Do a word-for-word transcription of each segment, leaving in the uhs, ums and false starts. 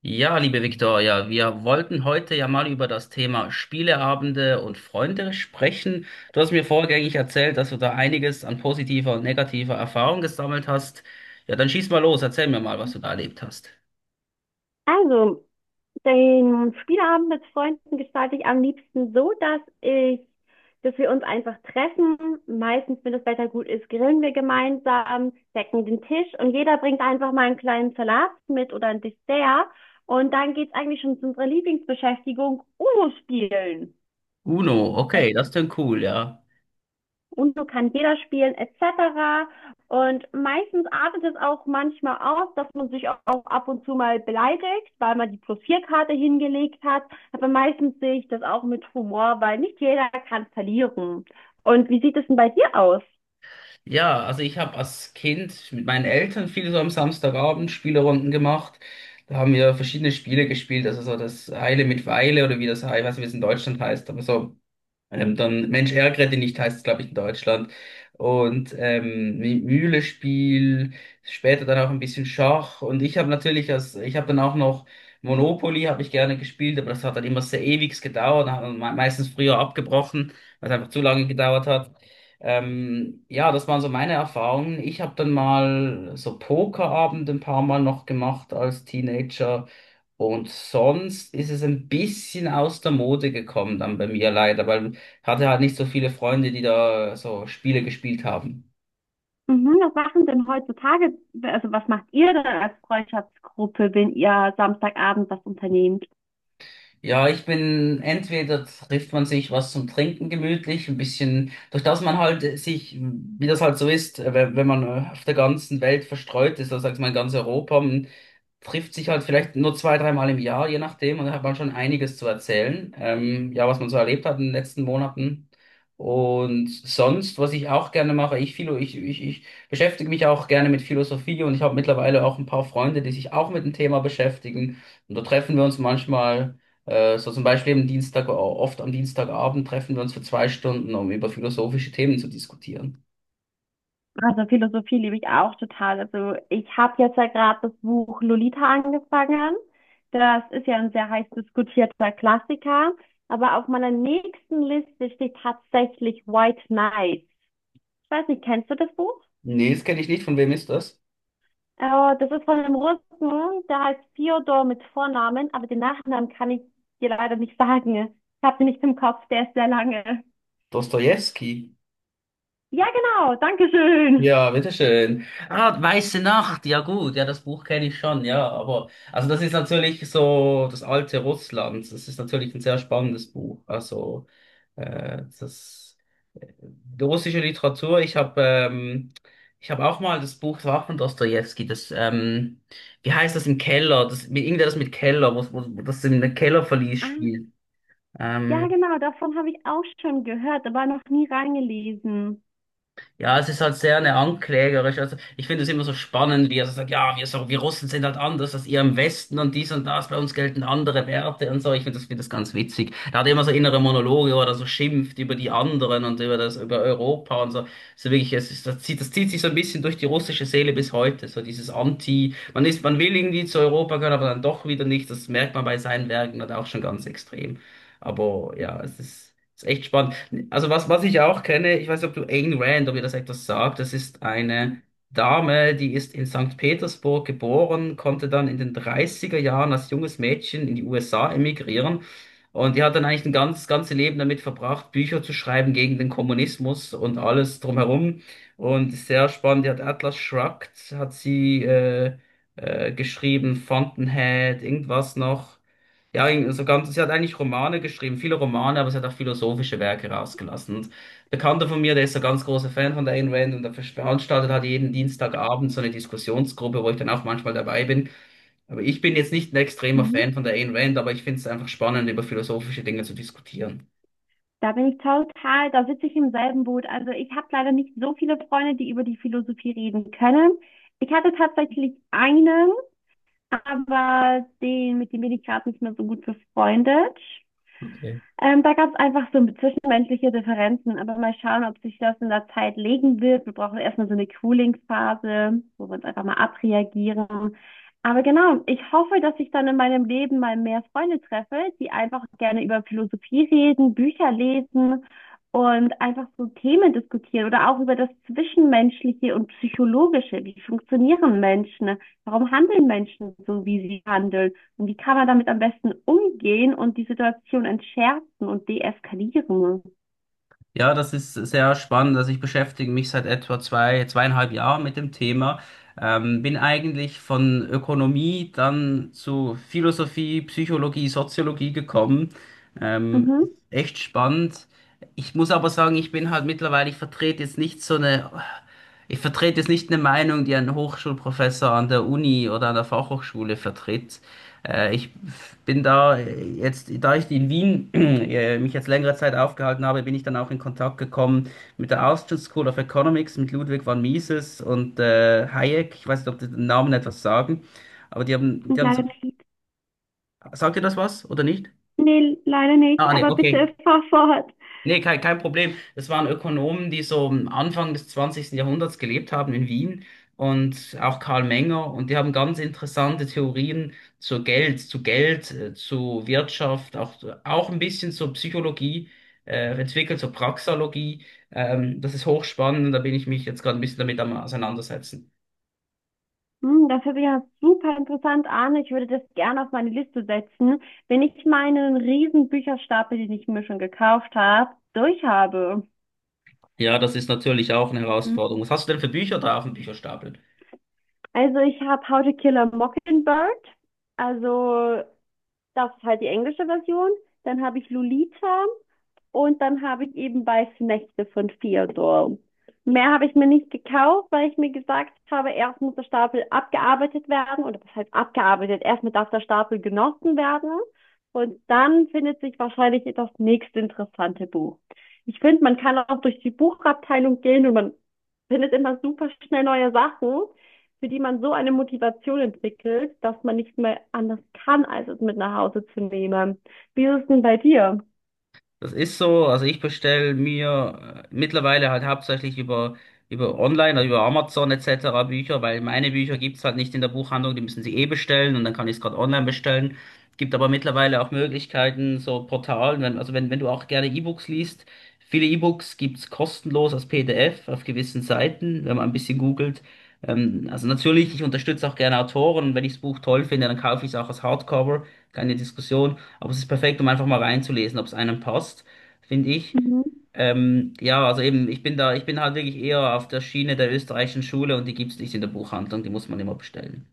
Ja, liebe Viktoria, wir wollten heute ja mal über das Thema Spieleabende und Freunde sprechen. Du hast mir vorgängig erzählt, dass du da einiges an positiver und negativer Erfahrung gesammelt hast. Ja, dann schieß mal los, erzähl mir mal, was du da erlebt hast. Also, den Spieleabend mit Freunden gestalte ich am liebsten so, dass ich, dass wir uns einfach treffen. Meistens, wenn das Wetter gut ist, grillen wir gemeinsam, decken den Tisch und jeder bringt einfach mal einen kleinen Salat mit oder ein Dessert. Und dann geht's eigentlich schon zu unserer Lieblingsbeschäftigung, Uno spielen. Uno, Äh, okay, das klingt cool, ja. und so kann jeder spielen, et cetera. Und meistens artet es auch manchmal aus, dass man sich auch ab und zu mal beleidigt, weil man die plus vier Karte hingelegt hat. Aber meistens sehe ich das auch mit Humor, weil nicht jeder kann verlieren. Und wie sieht es denn bei dir aus? Ja, also ich habe als Kind mit meinen Eltern viel so am Samstagabend Spielerunden gemacht. Da haben wir verschiedene Spiele gespielt, also so das Eile mit Weile oder wie das, ich weiß nicht, wie es in Deutschland heißt, aber so. Ähm, dann Mensch, ärgere dich nicht, heißt es, glaube ich, in Deutschland. Und ähm, Mü- Mühlespiel, später dann auch ein bisschen Schach. Und ich habe natürlich, als, ich habe dann auch noch Monopoly, habe ich gerne gespielt, aber das hat dann immer sehr ewig gedauert, hat man me- meistens früher abgebrochen, weil es einfach zu lange gedauert hat. Ähm, ja, das waren so meine Erfahrungen. Ich habe dann mal so Pokerabend ein paar Mal noch gemacht als Teenager. Und sonst ist es ein bisschen aus der Mode gekommen dann bei mir leider, weil hatte halt nicht so viele Freunde, die da so Spiele gespielt haben. Mhm, was machen denn heutzutage, also was macht ihr denn als Freundschaftsgruppe, wenn ihr Samstagabend was unternehmt? Ja, ich bin, entweder trifft man sich was zum Trinken gemütlich, ein bisschen, durch das man halt sich, wie das halt so ist, äh, wenn wenn man äh, auf der ganzen Welt verstreut ist, das sagt man in ganz Europa, man trifft sich halt vielleicht nur zwei, dreimal im Jahr, je nachdem, und da hat man schon einiges zu erzählen, ähm, ja, was man so erlebt hat in den letzten Monaten. Und sonst, was ich auch gerne mache, ich, philo, ich, ich, ich beschäftige mich auch gerne mit Philosophie und ich habe mittlerweile auch ein paar Freunde, die sich auch mit dem Thema beschäftigen. Und da treffen wir uns manchmal äh, so zum Beispiel am Dienstag, äh, oft am Dienstagabend treffen wir uns für zwei Stunden, um über philosophische Themen zu diskutieren. Also Philosophie liebe ich auch total. Also ich habe jetzt ja gerade das Buch Lolita angefangen. Das ist ja ein sehr heiß diskutierter Klassiker. Aber auf meiner nächsten Liste steht tatsächlich White Knight. Ich weiß nicht, kennst du das Buch? Nee, das kenne ich nicht. Von wem ist das? Äh, das ist von einem Russen, der heißt Fyodor mit Vornamen, aber den Nachnamen kann ich dir leider nicht sagen. Ich habe den nicht im Kopf, der ist sehr lange. Dostojewski. Ja, genau, danke schön. Ja, bitteschön. Ah, Weiße Nacht, ja gut, ja, das Buch kenne ich schon, ja, aber, also das ist natürlich so das alte Russland, das ist natürlich ein sehr spannendes Buch, also, äh, das, äh, die russische Literatur, ich habe, ähm, ich habe auch mal das Buch, das war auch von Dostojewski, das, ähm, wie heißt das im Keller, das, mit- irgendetwas mit Keller, wo, wo, wo das in einem Kellerverlies Ah, spielt, ja, ähm, genau, davon habe ich auch schon gehört, aber noch nie reingelesen. ja, es ist halt sehr eine anklagerisch. Also ich finde es immer so spannend, wie er so sagt, ja, wir, so, wir Russen sind halt anders als ihr im Westen und dies und das, bei uns gelten andere Werte und so. Ich finde das, find das ganz witzig. Er hat immer so innere Monologe, wo er so schimpft über die anderen und über das, über Europa und so. So wirklich, es ist, das zieht, das zieht sich so ein bisschen durch die russische Seele bis heute. So dieses Anti, man ist, man will irgendwie zu Europa gehören, aber dann doch wieder nicht. Das merkt man bei seinen Werken halt auch schon ganz extrem. Aber ja, es ist, ist echt spannend. Also was, was ich auch kenne, ich weiß nicht, ob du Ayn Rand, ob ihr das etwas sagt, das ist eine Dame, die ist in Sankt Petersburg geboren, konnte dann in den dreißiger Jahren als junges Mädchen in die U S A emigrieren und die hat dann eigentlich ein ganz, ganze Leben damit verbracht, Bücher zu schreiben gegen den Kommunismus und alles drumherum und sehr spannend, die hat Atlas Shrugged, hat sie äh, äh, geschrieben, Fountainhead, irgendwas noch. Ja, so ganz, sie hat eigentlich Romane geschrieben, viele Romane, aber sie hat auch philosophische Werke rausgelassen. Und ein Bekannter von mir, der ist so ein ganz großer Fan von der Ayn Rand und der veranstaltet hat jeden Dienstagabend so eine Diskussionsgruppe, wo ich dann auch manchmal dabei bin. Aber ich bin jetzt nicht ein extremer Mhm. Fan von der Ayn Rand, aber ich finde es einfach spannend, über philosophische Dinge zu diskutieren. Da bin ich total, da sitze ich im selben Boot. Also ich habe leider nicht so viele Freunde, die über die Philosophie reden können. Ich hatte tatsächlich einen, aber den, mit dem bin ich gerade nicht mehr so gut befreundet. Okay. Ähm, da gab es einfach so zwischenmenschliche Differenzen, aber mal schauen, ob sich das in der Zeit legen wird. Wir brauchen erstmal so eine Cooling-Phase, wo wir uns einfach mal abreagieren. Aber genau, ich hoffe, dass ich dann in meinem Leben mal mehr Freunde treffe, die einfach gerne über Philosophie reden, Bücher lesen und einfach so Themen diskutieren oder auch über das Zwischenmenschliche und Psychologische. Wie funktionieren Menschen? Warum handeln Menschen so, wie sie handeln? Und wie kann man damit am besten umgehen und die Situation entschärfen und deeskalieren? Ja, das ist sehr spannend. Also ich beschäftige mich seit etwa zwei, zweieinhalb Jahren mit dem Thema. Ähm, bin eigentlich von Ökonomie dann zu Philosophie, Psychologie, Soziologie gekommen. Ähm, Mhm. Echt spannend. Ich muss aber sagen, ich bin halt mittlerweile, ich vertrete jetzt nicht so eine ich vertrete jetzt nicht eine Meinung, die ein Hochschulprofessor an der Uni oder an der Fachhochschule vertritt. Äh, ich bin da äh, jetzt, da ich in Wien äh, mich jetzt längere Zeit aufgehalten habe, bin ich dann auch in Kontakt gekommen mit der Austrian School of Economics, mit Ludwig von Mises und äh, Hayek. Ich weiß nicht, ob die den Namen etwas sagen, aber die haben, die Und haben, leider nicht. sagt ihr das was oder nicht? Nee, leider nicht, Ah, nee, aber okay. bitte fahr fort. Nee, kein, kein Problem. Das waren Ökonomen, die so am Anfang des zwanzigsten Jahrhunderts gelebt haben in Wien und auch Karl Menger. Und die haben ganz interessante Theorien zu Geld, zu Geld, äh, zu Wirtschaft, auch, auch ein bisschen zur Psychologie äh, entwickelt, zur Praxologie. Ähm, das ist hochspannend und da bin ich mich jetzt gerade ein bisschen damit am Auseinandersetzen. Hm, das hört sich ja super interessant an. Ich würde das gerne auf meine Liste setzen, wenn ich meinen riesen Bücherstapel, den ich mir schon gekauft habe, durch habe. Ja, das ist natürlich auch eine Mhm. Herausforderung. Was hast du denn für Bücher da auf dem Bücherstapel? Also ich habe How to Kill a Mockingbird. Also das ist halt die englische Version. Dann habe ich Lolita. Und dann habe ich eben Weiße Nächte von Theodore. Mehr habe ich mir nicht gekauft, weil ich mir gesagt habe, erst muss der Stapel abgearbeitet werden, oder was heißt abgearbeitet, erstmal darf der Stapel genossen werden. Und dann findet sich wahrscheinlich das nächste interessante Buch. Ich finde, man kann auch durch die Buchabteilung gehen und man findet immer super schnell neue Sachen, für die man so eine Motivation entwickelt, dass man nicht mehr anders kann, als es mit nach Hause zu nehmen. Wie ist es denn bei dir? Das ist so, also ich bestelle mir äh, mittlerweile halt hauptsächlich über, über Online, also über Amazon et cetera. Bücher, weil meine Bücher gibt's halt nicht in der Buchhandlung, die müssen sie eh bestellen und dann kann ich es gerade online bestellen. Gibt aber mittlerweile auch Möglichkeiten, so Portalen, wenn, also wenn, wenn du auch gerne E-Books liest, viele E-Books gibt's kostenlos als P D F auf gewissen Seiten, wenn man ein bisschen googelt. Ähm, also natürlich, ich unterstütze auch gerne Autoren, wenn ich das Buch toll finde, dann kaufe ich es auch als Hardcover, keine Diskussion. Aber es ist perfekt, um einfach mal reinzulesen, ob es einem passt, finde ich. Mhm. Ähm, ja, also eben, ich bin da, ich bin halt wirklich eher auf der Schiene der österreichischen Schule und die gibt's nicht in der Buchhandlung, die muss man immer bestellen.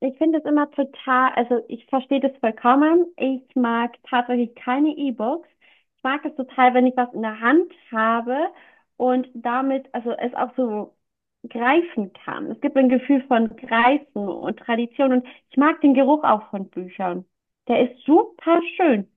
Ich finde es immer total, also ich verstehe das vollkommen. Ich mag tatsächlich keine E-Books. Ich mag es total, wenn ich was in der Hand habe und damit, also es auch so greifen kann. Es gibt ein Gefühl von Greifen und Tradition und ich mag den Geruch auch von Büchern. Der ist super schön.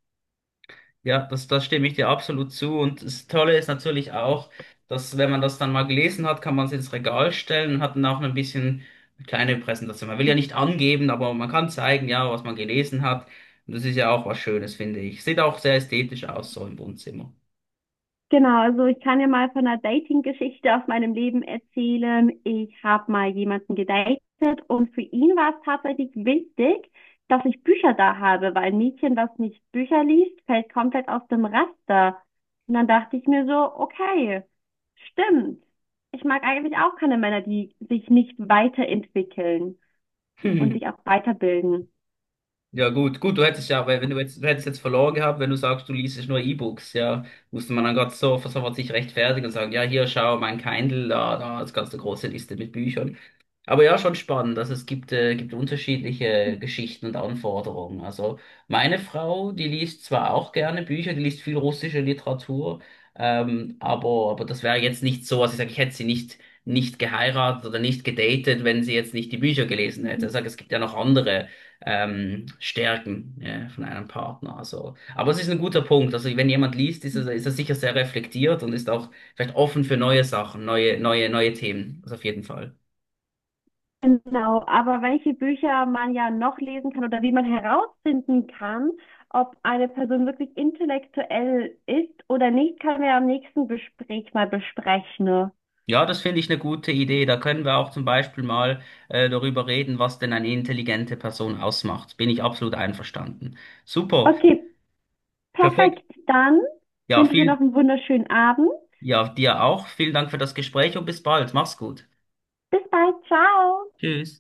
Ja, das, das stimme ich dir absolut zu. Und das Tolle ist natürlich auch, dass wenn man das dann mal gelesen hat, kann man es ins Regal stellen und hat dann auch ein bisschen eine kleine Präsentation. Man will ja nicht angeben, aber man kann zeigen, ja, was man gelesen hat. Und das ist ja auch was Schönes, finde ich. Sieht auch sehr ästhetisch aus, so im Wohnzimmer. Genau, also ich kann ja mal von einer Dating-Geschichte aus meinem Leben erzählen. Ich habe mal jemanden gedatet und für ihn war es tatsächlich wichtig, dass ich Bücher da habe, weil ein Mädchen, was nicht Bücher liest, fällt komplett aus dem Raster. Und dann dachte ich mir so, okay, stimmt. Ich mag eigentlich auch keine Männer, die sich nicht weiterentwickeln und sich auch weiterbilden. Ja, gut, gut, du hättest ja, weil wenn du jetzt, du hättest jetzt verloren gehabt, wenn du sagst, du liest nur E-Books, ja, musste man dann Gott so sofort sich rechtfertigen und sagen, ja, hier, schau, mein Kindle, da, da, das ganze große Liste mit Büchern. Aber ja, schon spannend. Also es gibt, äh, gibt unterschiedliche Geschichten und Anforderungen. Also meine Frau, die liest zwar auch gerne Bücher, die liest viel russische Literatur, ähm, aber, aber das wäre jetzt nicht so, also ich sage, ich hätte sie nicht, nicht geheiratet oder nicht gedatet, wenn sie jetzt nicht die Bücher gelesen hätte. Mhm. Ich sage, es gibt ja noch andere ähm, Stärken äh, von einem Partner. Also, aber es ist ein guter Punkt. Also wenn jemand liest, ist er, ist er sicher sehr reflektiert und ist auch vielleicht offen für neue Sachen, neue, neue, neue Themen. Also auf jeden Fall. Genau, aber welche Bücher man ja noch lesen kann oder wie man herausfinden kann, ob eine Person wirklich intellektuell ist oder nicht, können wir am nächsten Gespräch mal besprechen. Ja, das finde ich eine gute Idee. Da können wir auch zum Beispiel mal äh, darüber reden, was denn eine intelligente Person ausmacht. Bin ich absolut einverstanden. Super, Okay, perfekt. perfekt. Dann Ja, wünsche ich dir noch viel, einen wunderschönen Abend. ja, dir auch. Vielen Dank für das Gespräch und bis bald. Mach's gut. Bis bald. Ciao. Tschüss.